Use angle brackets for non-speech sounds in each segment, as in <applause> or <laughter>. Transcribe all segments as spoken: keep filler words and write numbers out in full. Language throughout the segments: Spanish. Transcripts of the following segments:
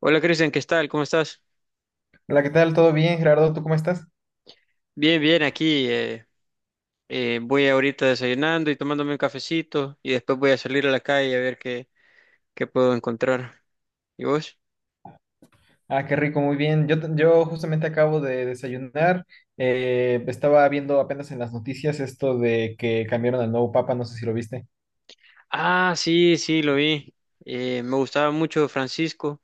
Hola, Cristian, ¿qué tal? ¿Cómo estás? Hola, ¿qué tal? ¿Todo bien, Gerardo? ¿Tú cómo estás? Bien, bien, aquí eh, eh, voy ahorita desayunando y tomándome un cafecito y después voy a salir a la calle a ver qué, qué puedo encontrar. ¿Y vos? Ah, qué rico, muy bien. Yo, t- yo justamente acabo de desayunar. Eh, estaba viendo apenas en las noticias esto de que cambiaron al nuevo papa, no sé si lo viste. Ah, sí, sí, lo vi. Eh, me gustaba mucho Francisco,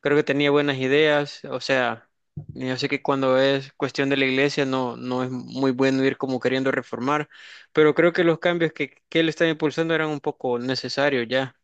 creo que tenía buenas ideas, o sea, yo sé que cuando es cuestión de la iglesia no, no es muy bueno ir como queriendo reformar, pero creo que los cambios que, que él estaba impulsando eran un poco necesarios ya.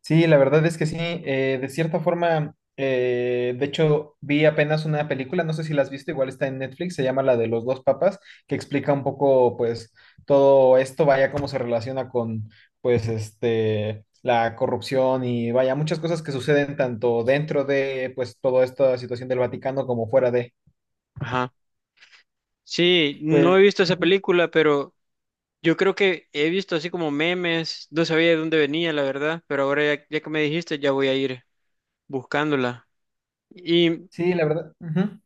Sí, la verdad es que sí, eh, de cierta forma, eh, de hecho, vi apenas una película, no sé si la has visto, igual está en Netflix, se llama la de los dos papas, que explica un poco, pues, todo esto, vaya, cómo se relaciona con, pues, este, la corrupción y vaya, muchas cosas que suceden tanto dentro de, pues, toda esta situación del Vaticano como fuera de. Ajá. Sí, no Pues, he visto esa ujú, película, pero yo creo que he visto así como memes, no sabía de dónde venía, la verdad, pero ahora ya, ya que me dijiste, ya voy a ir buscándola. Y, sí, la verdad. Ujú.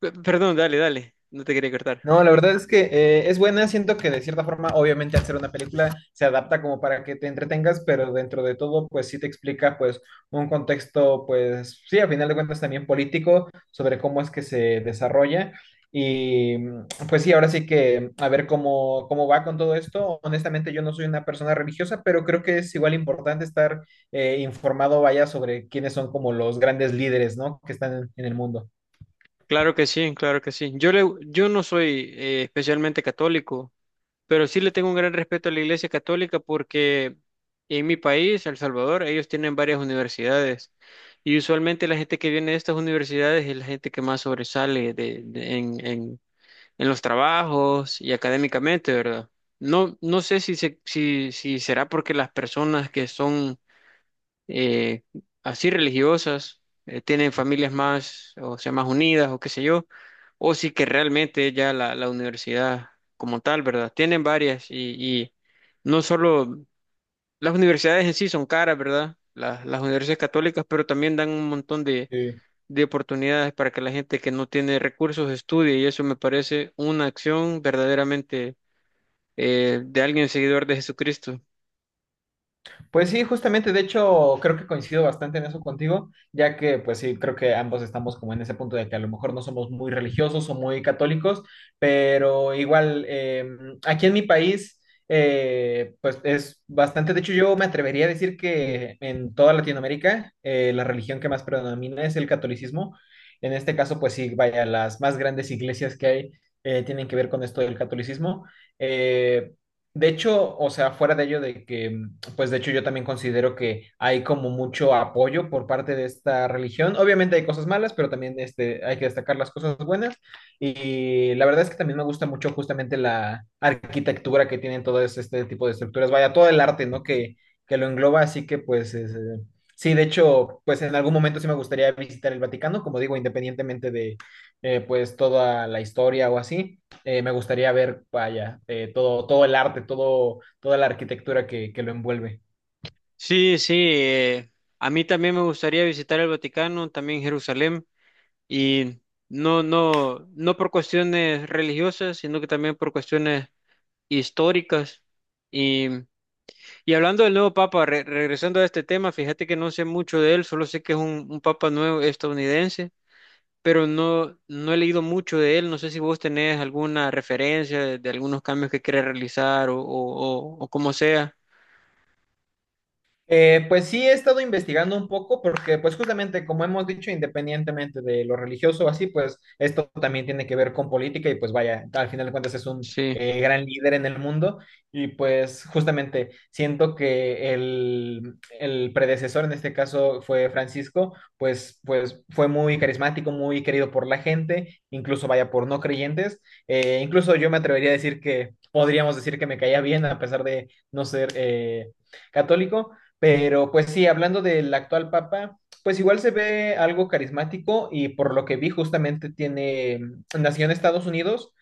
p- perdón, dale, dale, no te quería cortar. No, la verdad es que eh, es buena, siento que de cierta forma, obviamente al ser una película, se adapta como para que te entretengas, pero dentro de todo, pues sí te explica pues un contexto, pues sí, a final de cuentas también político, sobre cómo es que se desarrolla. Y mm, pues sí, ahora sí que a ver cómo, cómo va con todo esto. Honestamente, yo no soy una persona religiosa, pero creo que es igual importante estar eh, informado, vaya, sobre quiénes son como los grandes líderes, ¿no? Que están en en el mundo. Claro que sí, claro que sí. Yo, le, yo no soy eh, especialmente católico, pero sí le tengo un gran respeto a la Iglesia Católica porque en mi país, El Salvador, ellos tienen varias universidades y usualmente la gente que viene de estas universidades es la gente que más sobresale de, de- en en los trabajos y académicamente, ¿verdad? No, no sé si, se- si, si será porque las personas que son eh, así religiosas eh, tienen familias más, o sea, más unidas o qué sé yo, o si que realmente ya la, la universidad como tal, ¿verdad? Tienen varias, y, y no solo las universidades en sí son caras, ¿verdad? Las, las universidades católicas, pero también dan un montón de Sí. de oportunidades para que la gente que no tiene recursos estudie, y eso me parece una acción verdaderamente, eh, de alguien seguidor de Jesucristo. Pues sí, justamente, de hecho, creo que coincido bastante en eso contigo, ya que pues sí, creo que ambos estamos como en ese punto de que a lo mejor no somos muy religiosos o muy católicos, pero igual, eh, aquí en mi país, eh, pues es bastante, de hecho yo me atrevería a decir que en toda Latinoamérica, eh, la religión que más predomina es el catolicismo. En este caso, pues sí, vaya, las más grandes iglesias que hay eh, tienen que ver con esto del catolicismo. Eh, de hecho, o sea, fuera de ello de que pues de hecho yo también considero que hay como mucho apoyo por parte de esta religión. Obviamente hay cosas malas, pero también este, hay que destacar las cosas buenas. Y la verdad es que también me gusta mucho justamente la arquitectura que tienen todo este tipo de estructuras, vaya, todo el arte, ¿no? Que, que lo engloba, así que pues... Es, eh, sí, de hecho, pues en algún momento sí me gustaría visitar el Vaticano, como digo, independientemente de eh, pues toda la historia o así eh, me gustaría ver, vaya, eh, todo, todo el arte, todo, toda la arquitectura que, que lo envuelve. Sí, sí, eh, a mí también me gustaría visitar el Vaticano, también Jerusalén, y no, no, no por cuestiones religiosas, sino que también por cuestiones históricas. Y, y hablando del nuevo Papa, re- regresando a este tema, fíjate que no sé mucho de él, solo sé que es un, un Papa nuevo estadounidense, pero no, no he leído mucho de él. No sé si vos tenés alguna referencia de, de algunos cambios que quiere realizar, o, o, o, o como sea. Eh, pues sí, he estado investigando un poco porque, pues justamente, como hemos dicho, independientemente de lo religioso o así, pues esto también tiene que ver con política y pues vaya, al final de cuentas es un Sí, eh, gran líder en el mundo y pues justamente siento que el, el predecesor, en este caso fue Francisco, pues, pues fue muy carismático, muy querido por la gente, incluso vaya por no creyentes. Eh, incluso yo me atrevería a decir que podríamos decir que me caía bien a pesar de no ser... eh, católico, pero pues sí, hablando del actual Papa, pues igual se ve algo carismático y por lo que vi justamente tiene, nació en Estados Unidos,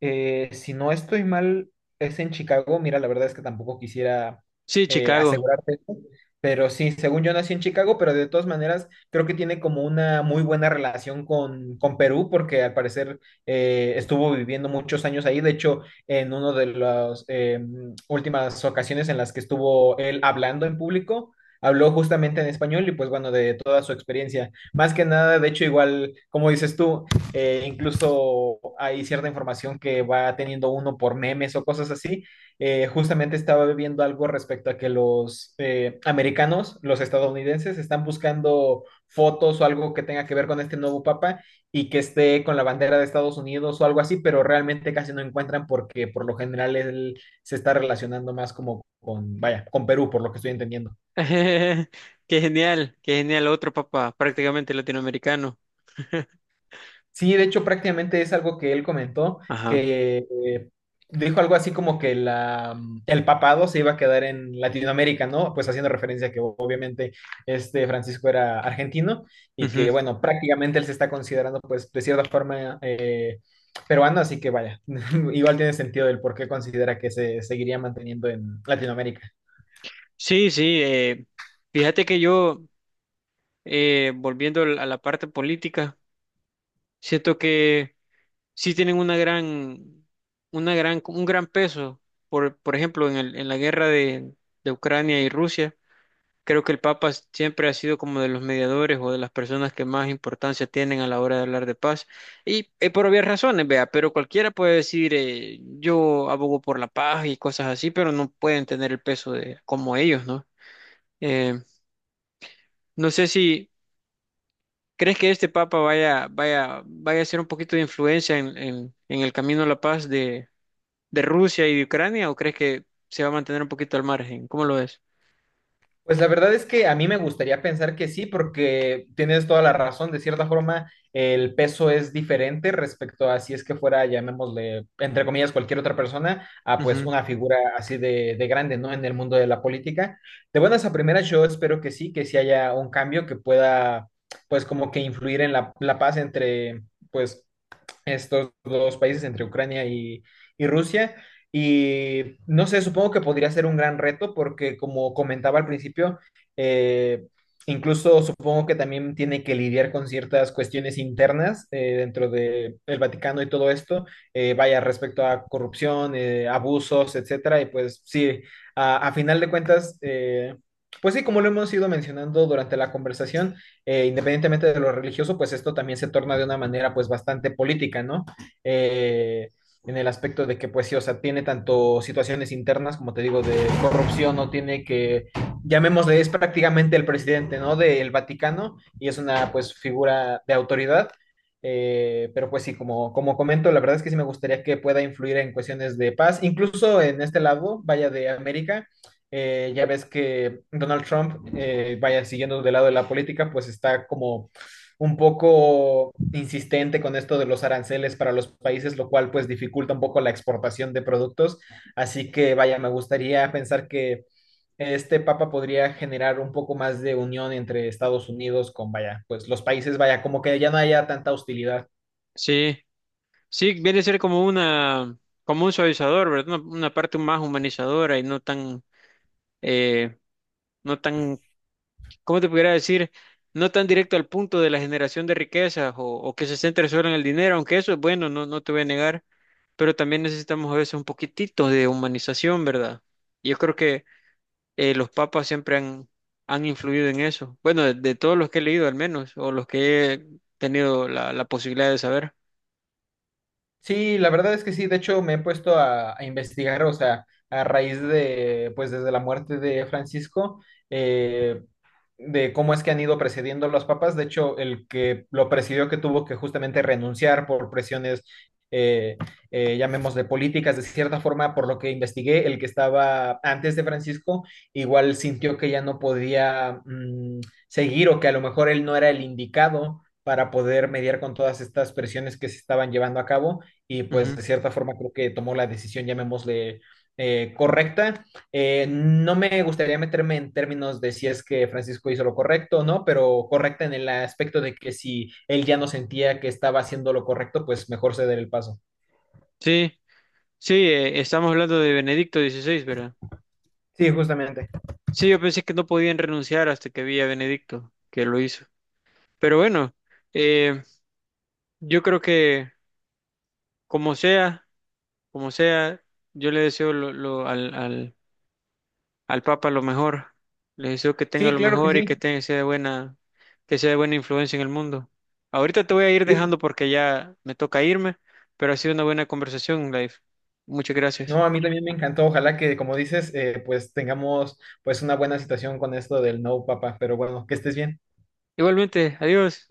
eh, si no estoy mal, es en Chicago. Mira, la verdad es que tampoco quisiera sí, eh, Chicago. asegurarte esto, pero sí, según yo nací en Chicago, pero de todas maneras creo que tiene como una muy buena relación con, con Perú, porque al parecer eh, estuvo viviendo muchos años ahí. De hecho, en una de las eh, últimas ocasiones en las que estuvo él hablando en público. Habló justamente en español y pues bueno, de toda su experiencia. Más que nada, de hecho, igual, como dices tú, eh, incluso hay cierta información que va teniendo uno por memes o cosas así. Eh, justamente estaba viendo algo respecto a que los eh, americanos, los estadounidenses, están buscando fotos o algo que tenga que ver con este nuevo papa y que esté con la bandera de Estados Unidos o algo así, pero realmente casi no encuentran porque por lo general él se está relacionando más como con, vaya, con Perú, por lo que estoy entendiendo. <laughs> Qué genial, qué genial. Otro papá, prácticamente latinoamericano. <laughs> Sí, de hecho, prácticamente es algo que él comentó, Ajá. que eh, dijo algo así como que la, mm, el papado se iba a quedar en Latinoamérica, ¿no? Pues haciendo referencia a que obviamente este Francisco era argentino y Ujú. que, bueno, prácticamente él se está considerando, pues, de cierta forma eh, peruano, así que vaya, <laughs> igual tiene sentido el por qué considera que se seguiría manteniendo en Latinoamérica. Sí, sí. Eh, fíjate que yo, eh, volviendo al- a la parte política, siento que sí tienen una gran, una gran, un gran peso. Por, por ejemplo, en el- en la guerra de, de Ucrania y Rusia. Creo que el Papa siempre ha sido como de los mediadores o de las personas que más importancia tienen a la hora de hablar de paz. Y eh, por obvias razones, vea, pero cualquiera puede decir, eh, yo abogo por la paz y cosas así, pero no pueden tener el peso de como ellos, ¿no? Eh, no sé si crees que este Papa vaya, vaya, vaya a ser un poquito de influencia en en, en el camino a la paz de, de Rusia y de Ucrania, o crees que se va a mantener un poquito al margen. ¿Cómo lo ves? Pues la verdad es que a mí me gustaría pensar que sí, porque tienes toda la razón. De cierta forma, el peso es diferente respecto a si es que fuera, llamémosle, entre comillas, cualquier otra persona, a pues Ujú. una figura así de, de grande, ¿no? En el mundo de la política. De buenas a primeras, yo espero que sí, que sí haya un cambio que pueda, pues como que influir en la, la paz entre, pues, estos dos países entre Ucrania y, y Rusia. Y no sé, supongo que podría ser un gran reto porque como comentaba al principio, eh, incluso supongo que también tiene que lidiar con ciertas cuestiones internas eh, dentro de el Vaticano y todo esto, eh, vaya respecto a corrupción, eh, abusos, etcétera. Y pues sí, a, a final de cuentas, eh, pues sí, como lo hemos ido mencionando durante la conversación, eh, independientemente de lo religioso, pues esto también se torna de una manera pues bastante política, ¿no? Eh, en el aspecto de que, pues sí, o sea, tiene tanto situaciones internas, como te digo, de corrupción, no tiene que, llamémosle, es prácticamente el presidente, ¿no? Del Vaticano y es una, pues, figura de autoridad. Eh, pero pues sí, como, como comento, la verdad es que sí me gustaría que pueda influir en cuestiones de paz, incluso en este lado, vaya de América, eh, ya ves que Donald Trump, eh, vaya siguiendo del lado de la política, pues está como un poco insistente con esto de los aranceles para los países, lo cual pues dificulta un poco la exportación de productos. Así que vaya, me gustaría pensar que este papa podría generar un poco más de unión entre Estados Unidos con, vaya, pues los países, vaya, como que ya no haya tanta hostilidad. Sí. Sí, viene a ser como una, como un suavizador, ¿verdad? Una, una parte más humanizadora y no tan, eh, no tan, ¿cómo te pudiera decir? No tan directo al punto de la generación de riquezas, o, o que se centre solo en el dinero, aunque eso es bueno, no, no te voy a negar, pero también necesitamos a veces un poquitito de humanización, ¿verdad? Y yo creo que eh, los papas siempre han, han influido en eso. Bueno, de, de todos los que he leído al menos, o los que he tenido la, la posibilidad de saber. Sí, la verdad es que sí, de hecho me he puesto a, a investigar, o sea, a raíz de, pues desde la muerte de Francisco, eh, de cómo es que han ido precediendo los papas. De hecho, el que lo presidió, que tuvo que justamente renunciar por presiones, eh, eh, llamemos de políticas, de cierta forma, por lo que investigué, el que estaba antes de Francisco, igual sintió que ya no podía mmm, seguir o que a lo mejor él no era el indicado para poder mediar con todas estas presiones que se estaban llevando a cabo y pues Ujú. de cierta forma creo que tomó la decisión, llamémosle eh, correcta. Eh, no me gustaría meterme en términos de si es que Francisco hizo lo correcto o no, pero correcta en el aspecto de que si él ya no sentía que estaba haciendo lo correcto, pues mejor ceder el paso. Sí. Sí, eh, estamos hablando de Benedicto dieciséis, ¿verdad? Sí, justamente. Sí, yo pensé que no podían renunciar hasta que vi a Benedicto, que lo hizo. Pero bueno, eh, yo creo que como sea, como sea, yo le deseo lo, lo- al, al, al Papa lo mejor. Le deseo que tenga Sí, lo claro que mejor y que sí. tenga, sea de buena, que sea de buena influencia en el mundo. Ahorita te voy a ir Sí. dejando porque ya me toca irme, pero ha sido una buena conversación, Life. Muchas gracias. No, a mí también me encantó. Ojalá que, como dices, eh, pues tengamos pues una buena situación con esto del no, papá. Pero bueno, que estés bien. Igualmente, adiós.